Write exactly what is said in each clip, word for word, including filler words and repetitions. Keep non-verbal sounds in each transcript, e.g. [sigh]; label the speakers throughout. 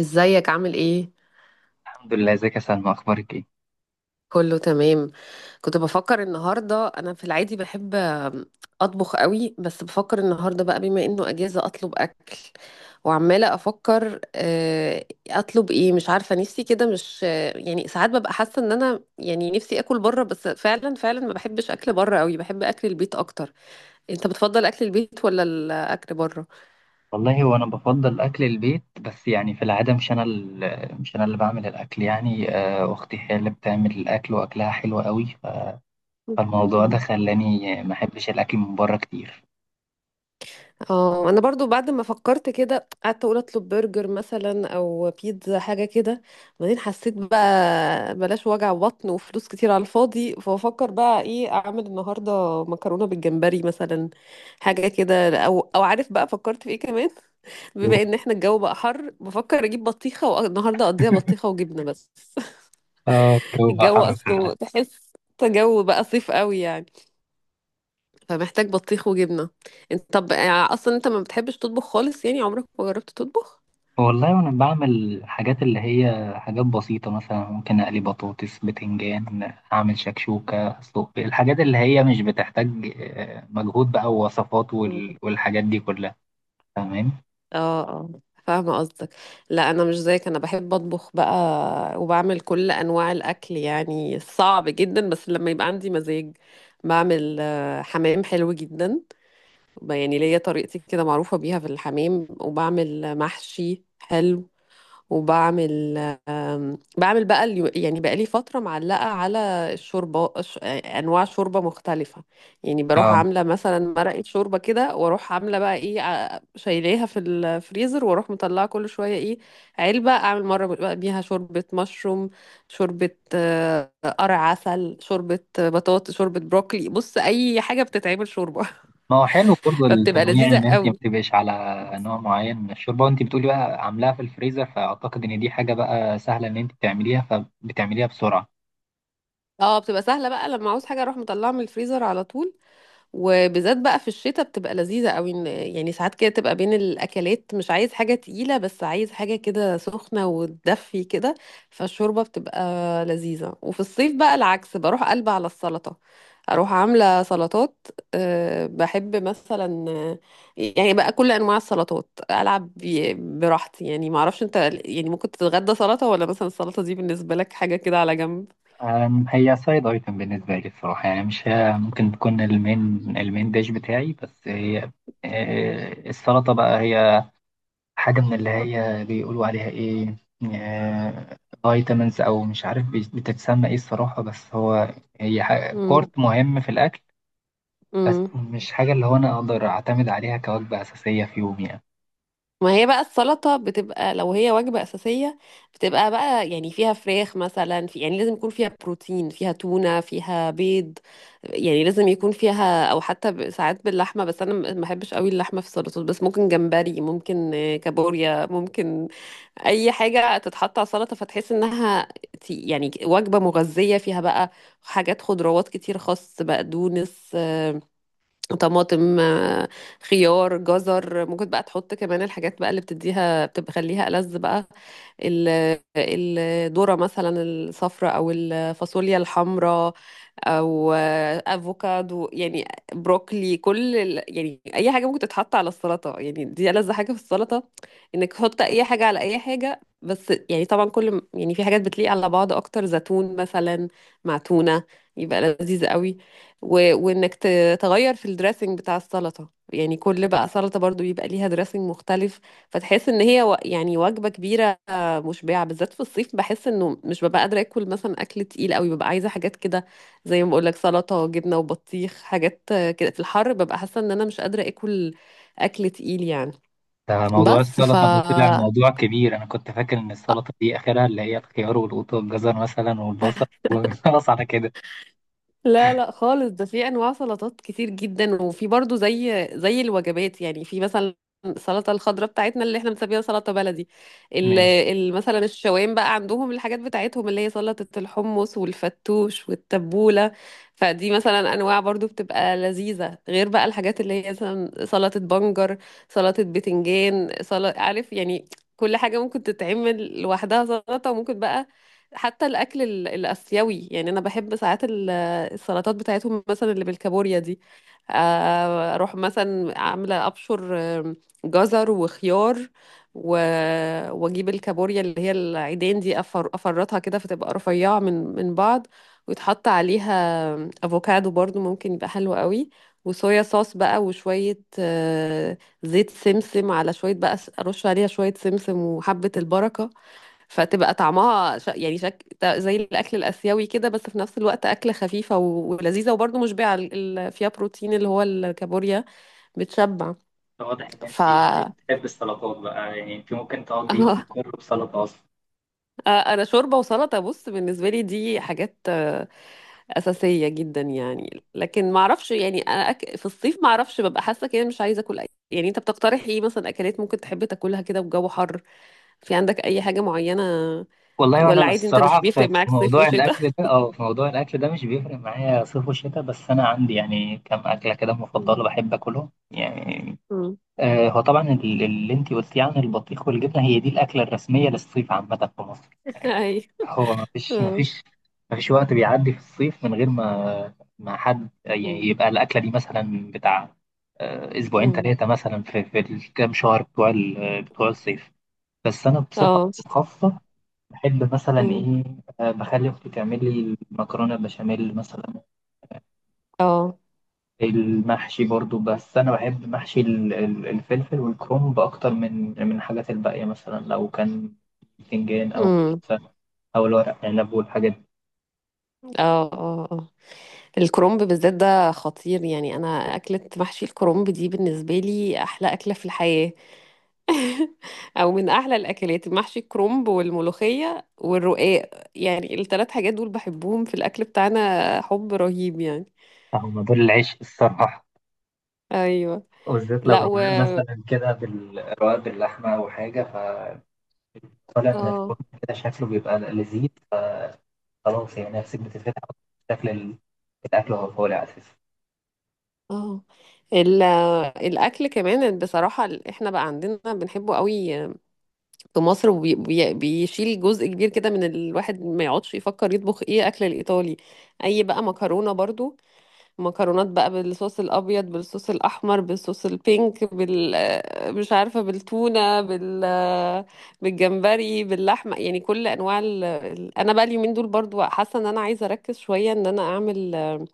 Speaker 1: ازيك، عامل ايه؟
Speaker 2: الحمد لله، ازيك يا سلمى؟ اخبارك ايه؟
Speaker 1: كله تمام. كنت بفكر النهارده، انا في العادي بحب اطبخ قوي، بس بفكر النهارده بقى بما انه اجازه اطلب اكل. وعماله افكر آه، اطلب ايه، مش عارفه نفسي كده، مش آه، يعني ساعات ببقى حاسه ان انا يعني نفسي اكل بره، بس فعلا فعلا ما بحبش اكل بره قوي، بحب اكل البيت اكتر. انت بتفضل اكل البيت ولا الاكل بره؟
Speaker 2: والله هو انا بفضل اكل البيت، بس يعني في العاده مش انا ال- مش انا اللي بعمل الاكل، يعني آه، اختي هي اللي بتعمل الاكل واكلها حلو قوي ف- فالموضوع ده خلاني ما احبش الاكل من بره كتير.
Speaker 1: اه، انا برضو بعد ما فكرت كده قعدت اقول اطلب برجر مثلا او بيتزا حاجه كده، بعدين حسيت بقى بلاش وجع بطن وفلوس كتير على الفاضي، فافكر بقى ايه اعمل النهارده، مكرونه بالجمبري مثلا حاجه كده، او او عارف بقى فكرت في ايه كمان. [laughs] بما ان احنا الجو بقى حر، بفكر اجيب بطيخه والنهارده اقضيها بطيخه وجبنه بس.
Speaker 2: اه،
Speaker 1: [laughs]
Speaker 2: الجو بقى
Speaker 1: الجو
Speaker 2: حر فعلا.
Speaker 1: اصله تحس جو بقى صيف قوي يعني، فمحتاج بطيخ وجبنة. انت طب آه، اصلا انت ما بتحبش تطبخ خالص؟ يعني عمرك ما جربت تطبخ؟
Speaker 2: والله وانا بعمل حاجات اللي هي حاجات بسيطه، مثلا ممكن اقلي بطاطس، بتنجان، اعمل شكشوكه، اسلق بيض، الحاجات اللي هي مش بتحتاج آه، مجهود بقى ووصفات
Speaker 1: مم.
Speaker 2: وال- والحاجات دي كلها. تمام.
Speaker 1: اه اه، فاهمة قصدك. لا، أنا مش زيك، أنا بحب أطبخ بقى، وبعمل كل أنواع الأكل يعني، صعب جدا بس لما يبقى عندي مزاج بعمل آه، حمام حلو جدا. ب- يعني ليا طريقتي كده معروفة بيها في الحمام، وبعمل محشي حلو، وبعمل آم، بعمل بقى اليو- يعني بقى لي فترة معلقة على الشوربة، ش- أنواع شوربة مختلفة. يعني بروح
Speaker 2: اه،
Speaker 1: عاملة مثلا مرقة شوربة كده، وأروح عاملة بقى إيه ع- شايلاها في الفريزر، وأروح مطلعة كل شوية إيه علبة، أعمل مرة بقى بيها شوربة مشروم، شوربة آه، قرع عسل، شوربة بطاطس، شوربة بروكلي، بص أي حاجة بتتعمل شوربة. [laughs]
Speaker 2: ما هو حلو برضه
Speaker 1: فبتبقى
Speaker 2: التنويع
Speaker 1: لذيذة
Speaker 2: ان انت ما
Speaker 1: قوي.
Speaker 2: تبقيش على نوع معين من الشوربه، وانت بتقولي بقى عاملاها في الفريزر، فاعتقد ان دي حاجه بقى سهله ان انت تعمليها فبتعمليها بسرعه.
Speaker 1: اه، بتبقى سهلة بقى لما عاوز حاجة أروح مطلعة من الفريزر على طول، وبالذات بقى في الشتاء بتبقى لذيذة قوي، إن- يعني ساعات كده تبقى بين الأكلات مش عايز حاجة تقيلة، بس عايز حاجة كده سخنة وتدفي كده، فالشوربة بتبقى لذيذة. وفي الصيف بقى العكس، بروح قلبة على السلطة، أروح عاملة سلطات. أه، بحب مثلا آه، يعني بقى كل أنواع السلطات، ألعب بي- براحتي يعني، معرفش أنت يعني ممكن تتغدى سلطة، ولا مثلا السلطة دي بالنسبة لك حاجة كده على جنب؟
Speaker 2: أم، هي سايد ايتم بالنسبه لي الصراحه، يعني مش هي ممكن تكون المين، المين ديش بتاعي، بس هي آه، السلطه بقى هي حاجه من اللي هي بيقولوا عليها ايه، آه، فيتامينز او مش عارف بتتسمى ايه الصراحه، بس هو هي ح- بورت مهم في الاكل. بس
Speaker 1: مم.
Speaker 2: مش حاجة اللي هو أنا أقدر أعتمد عليها كوجبة أساسية في يومي يعني.
Speaker 1: ما هي بقى السلطة بتبقى لو هي وجبة أساسية، بتبقى بقى يعني فيها فراخ مثلا، في يعني لازم يكون فيها بروتين، فيها تونة، فيها بيض، يعني لازم يكون فيها، أو حتى ب- ساعات باللحمة، بس أنا ما بحبش قوي اللحمة في السلطات، بس ممكن جمبري، ممكن آه، كابوريا، ممكن أي حاجة تتحط على سلطة، فتحس إنها تي- يعني وجبة مغذية، فيها بقى حاجات خضروات كتير، خس، بقدونس، طماطم، آه، خيار، جزر، ممكن بقى تحط كمان الحاجات بقى اللي بتديها بتخليها ألذ بقى، ال- الذرة مثلا الصفراء، أو الفاصوليا الحمراء، او افوكادو يعني، بروكلي، كل ال- يعني اي حاجه ممكن تتحط على السلطه، يعني دي ألذ حاجه في السلطه، انك تحط اي حاجه على اي حاجه، بس يعني طبعا كل م- يعني في حاجات بتليق على بعض اكتر، زيتون مثلا مع تونه يبقى لذيذ قوي. و... وانك ت- تغير في الدريسنج بتاع السلطه، يعني كل بقى سلطه برضو يبقى ليها دريسنج مختلف، فتحس ان هي و... يعني وجبه كبيره مشبعه، بالذات في الصيف بحس انه مش ببقى قادره اكل مثلا اكل تقيل قوي، ببقى عايزه حاجات كده زي ما بقول لك، سلطه، جبنه وبطيخ، حاجات كده في الحر، ببقى حاسه ان انا مش قادره اكل اكل تقيل يعني.
Speaker 2: ده موضوع
Speaker 1: بس ف
Speaker 2: السلطة ده طلع موضوع كبير، أنا كنت فاكر إن السلطة دي آخرها اللي هي الخيار والقوط والجزر مثلا والبصل [laughs] وخلاص على كده.
Speaker 1: لا لا خالص، ده في انواع سلطات كتير جدا، وفي برضو زي زي الوجبات يعني، في مثلا السلطه الخضراء بتاعتنا اللي احنا بنسميها سلطه بلدي، ال
Speaker 2: ماشي.
Speaker 1: ال- مثلا الشوام بقى عندهم الحاجات بتاعتهم اللي هي سلطه الحمص والفتوش والتبوله. فدي مثلا انواع برضو بتبقى لذيذه، غير بقى الحاجات اللي هي مثلا سلطه بنجر، سلطه بتنجان، سلطه عارف يعني، كل حاجه ممكن تتعمل لوحدها سلطه. وممكن بقى حتى الاكل ال- الاسيوي، يعني انا بحب ساعات ال السلطات بتاعتهم مثلا اللي بالكابوريا دي، آه، اروح مثلا عامله ابشر آم، جزر وخيار، و... واجيب الكابوريا اللي هي العيدان دي، أفر... افرطها كده فتبقى رفيعه من من بعض، ويتحط عليها افوكادو برضو ممكن يبقى حلو قوي، وصويا صوص بقى وشويه آه، زيت سمسم، على شويه بقى ارش عليها شويه سمسم وحبه البركه، فتبقى طعمها ش... يعني شك... تا- زي الاكل الاسيوي كده، بس في نفس الوقت اكله خفيفه و... ولذيذه وبرضه مشبعه ال... ال- فيها بروتين اللي هو الكابوريا بتشبع.
Speaker 2: واضح إن
Speaker 1: ف [laughs]
Speaker 2: أنت
Speaker 1: اه،
Speaker 2: بتحب السلطات بقى، يعني أنت ممكن تقضي يومك كله بسلطة أصلا.
Speaker 1: آه، انا شوربه وسلطه بص، بالنسبه لي دي حاجات آه، اساسيه جدا يعني، لكن ما اعرفش يعني انا أك... في الصيف ما اعرفش ببقى حاسه كده مش عايزه اكل أي... يعني انت بتقترح ايه مثلا؟ اكلات ممكن تحب تاكلها كده والجو حر؟ في عندك اي حاجه معينه،
Speaker 2: والله وانا
Speaker 1: ولا عادي انت مش
Speaker 2: الصراحه في
Speaker 1: بيفرق
Speaker 2: في
Speaker 1: معاك صيف
Speaker 2: موضوع
Speaker 1: وشتاء؟
Speaker 2: الاكل ده، اه في موضوع الاكل ده مش بيفرق معايا صيف وشتاء، بس انا عندي يعني كم اكله كده
Speaker 1: [laughs] مم.
Speaker 2: مفضله بحب اكلهم يعني.
Speaker 1: مم.
Speaker 2: آه، هو طبعا ال- اللي انت قلتيه عن البطيخ والجبنه هي دي الاكله الرسميه للصيف عامه في مصر
Speaker 1: [laughs]
Speaker 2: يعني.
Speaker 1: اي،
Speaker 2: هو ما فيش ما
Speaker 1: اه،
Speaker 2: فيش ما فيش وقت بيعدي في الصيف من غير ما ما حد يعني،
Speaker 1: مم.
Speaker 2: يبقى الاكله دي مثلا بتاع آه، اسبوعين
Speaker 1: مم.
Speaker 2: ثلاثه مثلا في في الكام شهر بتوع ال- بتوع الصيف. بس انا بصفه
Speaker 1: اه،
Speaker 2: خاصه بحب مثلا
Speaker 1: مم.
Speaker 2: ايه، آه، بخلي اختي تعمل لي المكرونه بشاميل مثلا.
Speaker 1: اه،
Speaker 2: المحشي برضو، بس انا بحب محشي ال- ال- الفلفل والكرنب اكتر من من الحاجات الباقيه، مثلا لو كان باذنجان او
Speaker 1: مم.
Speaker 2: كوسه او الورق عنب والحاجات دي.
Speaker 1: اه اه آه. الكرنب بالذات ده خطير يعني، انا اكلة محشي الكرنب دي بالنسبة لي احلى اكلة في الحياة. [laughs] او من احلى الاكلات، محشي الكرنب والملوخية والرقاق، يعني الثلاث حاجات دول بحبهم في الاكل بتاعنا حب رهيب يعني.
Speaker 2: هما دول العيش الصراحه،
Speaker 1: ايوه،
Speaker 2: وبالذات لو
Speaker 1: لا و
Speaker 2: رواق مثلا كده بالرواق باللحمه او حاجه، فطالع من
Speaker 1: اه
Speaker 2: الفرن كده شكله بيبقى لذيذ، خلاص يعني نفسك بتتفتح. شكل ال- الاكل وهو طالع اساسا.
Speaker 1: اه، ال- الاكل كمان بصراحه، ال- احنا بقى عندنا بنحبه قوي في مصر، وبي- بي- بيشيل جزء كبير كده من الواحد، ما يقعدش يفكر يطبخ ايه؟ اكل الايطالي، اي بقى مكرونه برضو، مكرونات بقى بالصوص الابيض، بالصوص الاحمر، بالصوص البينك، بال آه، مش عارفه، بالتونه، بال آه، بالجمبري، باللحمه، يعني كل انواع ال... ال- انا بقى اليومين دول برضو حاسه ان انا عايزه اركز شويه ان انا اعمل آه،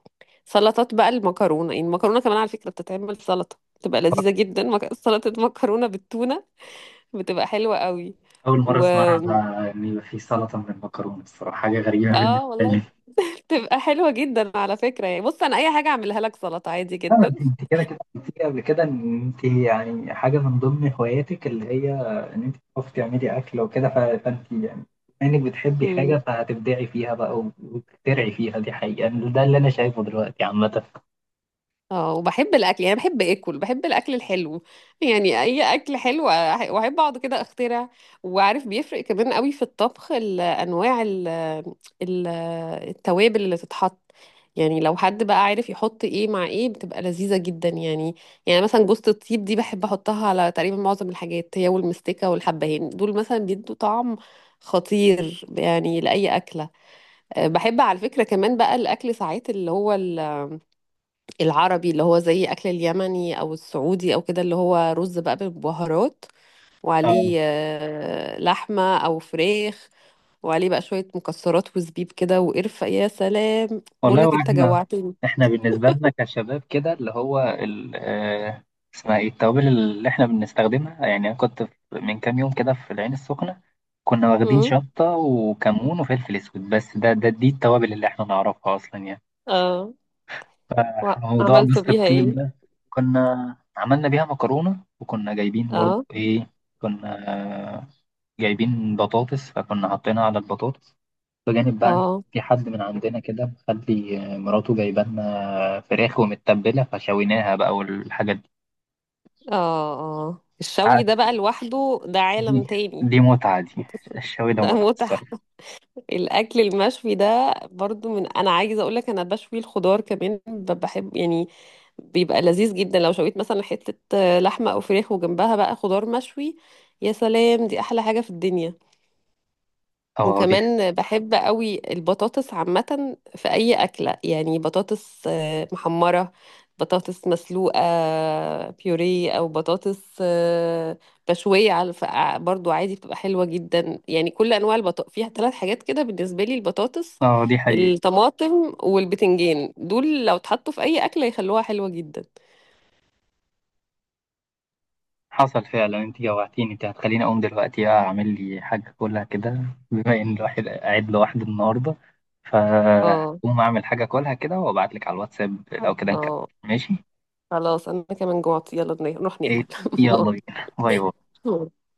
Speaker 1: سلطات بقى المكرونه، يعني المكرونه كمان على فكره بتتعمل سلطه، بتبقى لذيذه جدا، مك- سلطه مكرونه بالتونه بتبقى حلوة قوي.
Speaker 2: اول مره
Speaker 1: و
Speaker 2: اسمعها، عن ان يبقى في سلطه من المكرونه، الصراحه حاجه غريبه بالنسبه
Speaker 1: اه،
Speaker 2: لي.
Speaker 1: والله. [laughs] بتبقى حلوة جدا على فكرة يعني، بص انا اي حاجة اعملها لك سلطة عادي
Speaker 2: لا، ما
Speaker 1: جدا.
Speaker 2: انت انت كده كده قلت لي قبل كده ان انت يعني حاجه من ضمن هواياتك اللي هي ان انت بتعرفي تعملي اكل وكده، ف- فانت يعني بما انك بتحبي حاجه فهتبدعي فيها بقى و- وتخترعي فيها، دي حقيقه يعني، ده اللي انا شايفه دلوقتي عامه.
Speaker 1: اه، وبحب الاكل يعني، بحب اكل، بحب الاكل الحلو، يعني اي اكل حلو أح- واحب اقعد كده اخترع. وعارف بيفرق كمان قوي في الطبخ ال- انواع ال- ال- التوابل اللي تتحط، يعني لو حد بقى عارف يحط ايه مع ايه بتبقى لذيذة جدا يعني. يعني مثلا جوزة الطيب دي بحب احطها على تقريبا معظم الحاجات، هي والمستكة والحبهان دول مثلا بيدوا طعم خطير يعني لأي أكلة. أه، بحب على فكرة كمان بقى الأكل ساعات اللي هو العربي، اللي هو زي اكل اليمني او السعودي او كده، اللي هو رز بقى بالبهارات،
Speaker 2: اه
Speaker 1: وعليه آه، لحمه او فراخ، وعليه بقى شويه مكسرات وزبيب كده وقرفه، يا سلام، بقول
Speaker 2: والله،
Speaker 1: لك انت
Speaker 2: واحنا
Speaker 1: جوعتني.
Speaker 2: احنا بالنسبه لنا كشباب كده اللي هو ال آه، اسمها ايه التوابل اللي احنا بنستخدمها يعني. انا كنت في- من كام يوم كده في العين السخنه، كنا واخدين
Speaker 1: امم
Speaker 2: شطه وكمون وفلفل اسود بس، ده ده دي التوابل اللي احنا نعرفها اصلا يعني.
Speaker 1: اه،
Speaker 2: فموضوع
Speaker 1: وعملته
Speaker 2: جوز
Speaker 1: بيها
Speaker 2: الطيب
Speaker 1: ايه؟
Speaker 2: ده، كنا عملنا بيها مكرونة، وكنا جايبين برضو
Speaker 1: اه
Speaker 2: إيه، كنا جايبين بطاطس فكنا حاطينها على البطاطس، بجانب بقى إن
Speaker 1: اه،
Speaker 2: في حد من عندنا كده مخلي مراته جايبه لنا فراخ ومتبلة فشويناها بقى والحاجات دي.
Speaker 1: اه اه، الشوي ده
Speaker 2: قعد-
Speaker 1: بقى لوحده ده
Speaker 2: دي
Speaker 1: عالم تاني،
Speaker 2: دي متعة دي الشوي ده
Speaker 1: ده
Speaker 2: متعة
Speaker 1: متعة.
Speaker 2: الصراحة.
Speaker 1: الاكل المشوي ده برضو من انا عايزه اقول لك، انا بشوي الخضار كمان، ب- بحب يعني، بيبقى لذيذ جدا لو شويت مثلا حته لحمه او فراخ وجنبها بقى خضار مشوي، يا سلام، دي احلى حاجه في الدنيا.
Speaker 2: اه دي،
Speaker 1: وكمان بحب قوي البطاطس عامة في أي أكلة، يعني بطاطس آه، محمرة، بطاطس مسلوقة، بيوري، أو بطاطس آه، مشوية على الف- ع- برضو عادي، بتبقى حلوة جدا يعني، كل أنواع البطاطس فيها ثلاث حاجات كده بالنسبة لي، البطاطس،
Speaker 2: اه دي حقيقة.
Speaker 1: الطماطم والبتنجان، دول لو اتحطوا في أي أكلة يخلوها حلوة جدا.
Speaker 2: حصل فعلا، انت جوعتيني، انت هتخليني اقوم دلوقتي بقى اعمل لي حاجه كلها كده، بما ان الواحد قاعد لوحده النهارده،
Speaker 1: اه،
Speaker 2: فهقوم اعمل حاجه كلها كده وابعت لك على الواتساب، لو كده نكمل.
Speaker 1: اه،
Speaker 2: ماشي.
Speaker 1: خلاص أنا كمان جوعت، يلا نروح
Speaker 2: ايه؟
Speaker 1: ناكل.
Speaker 2: يلا بينا، باي باي.
Speaker 1: [laughs]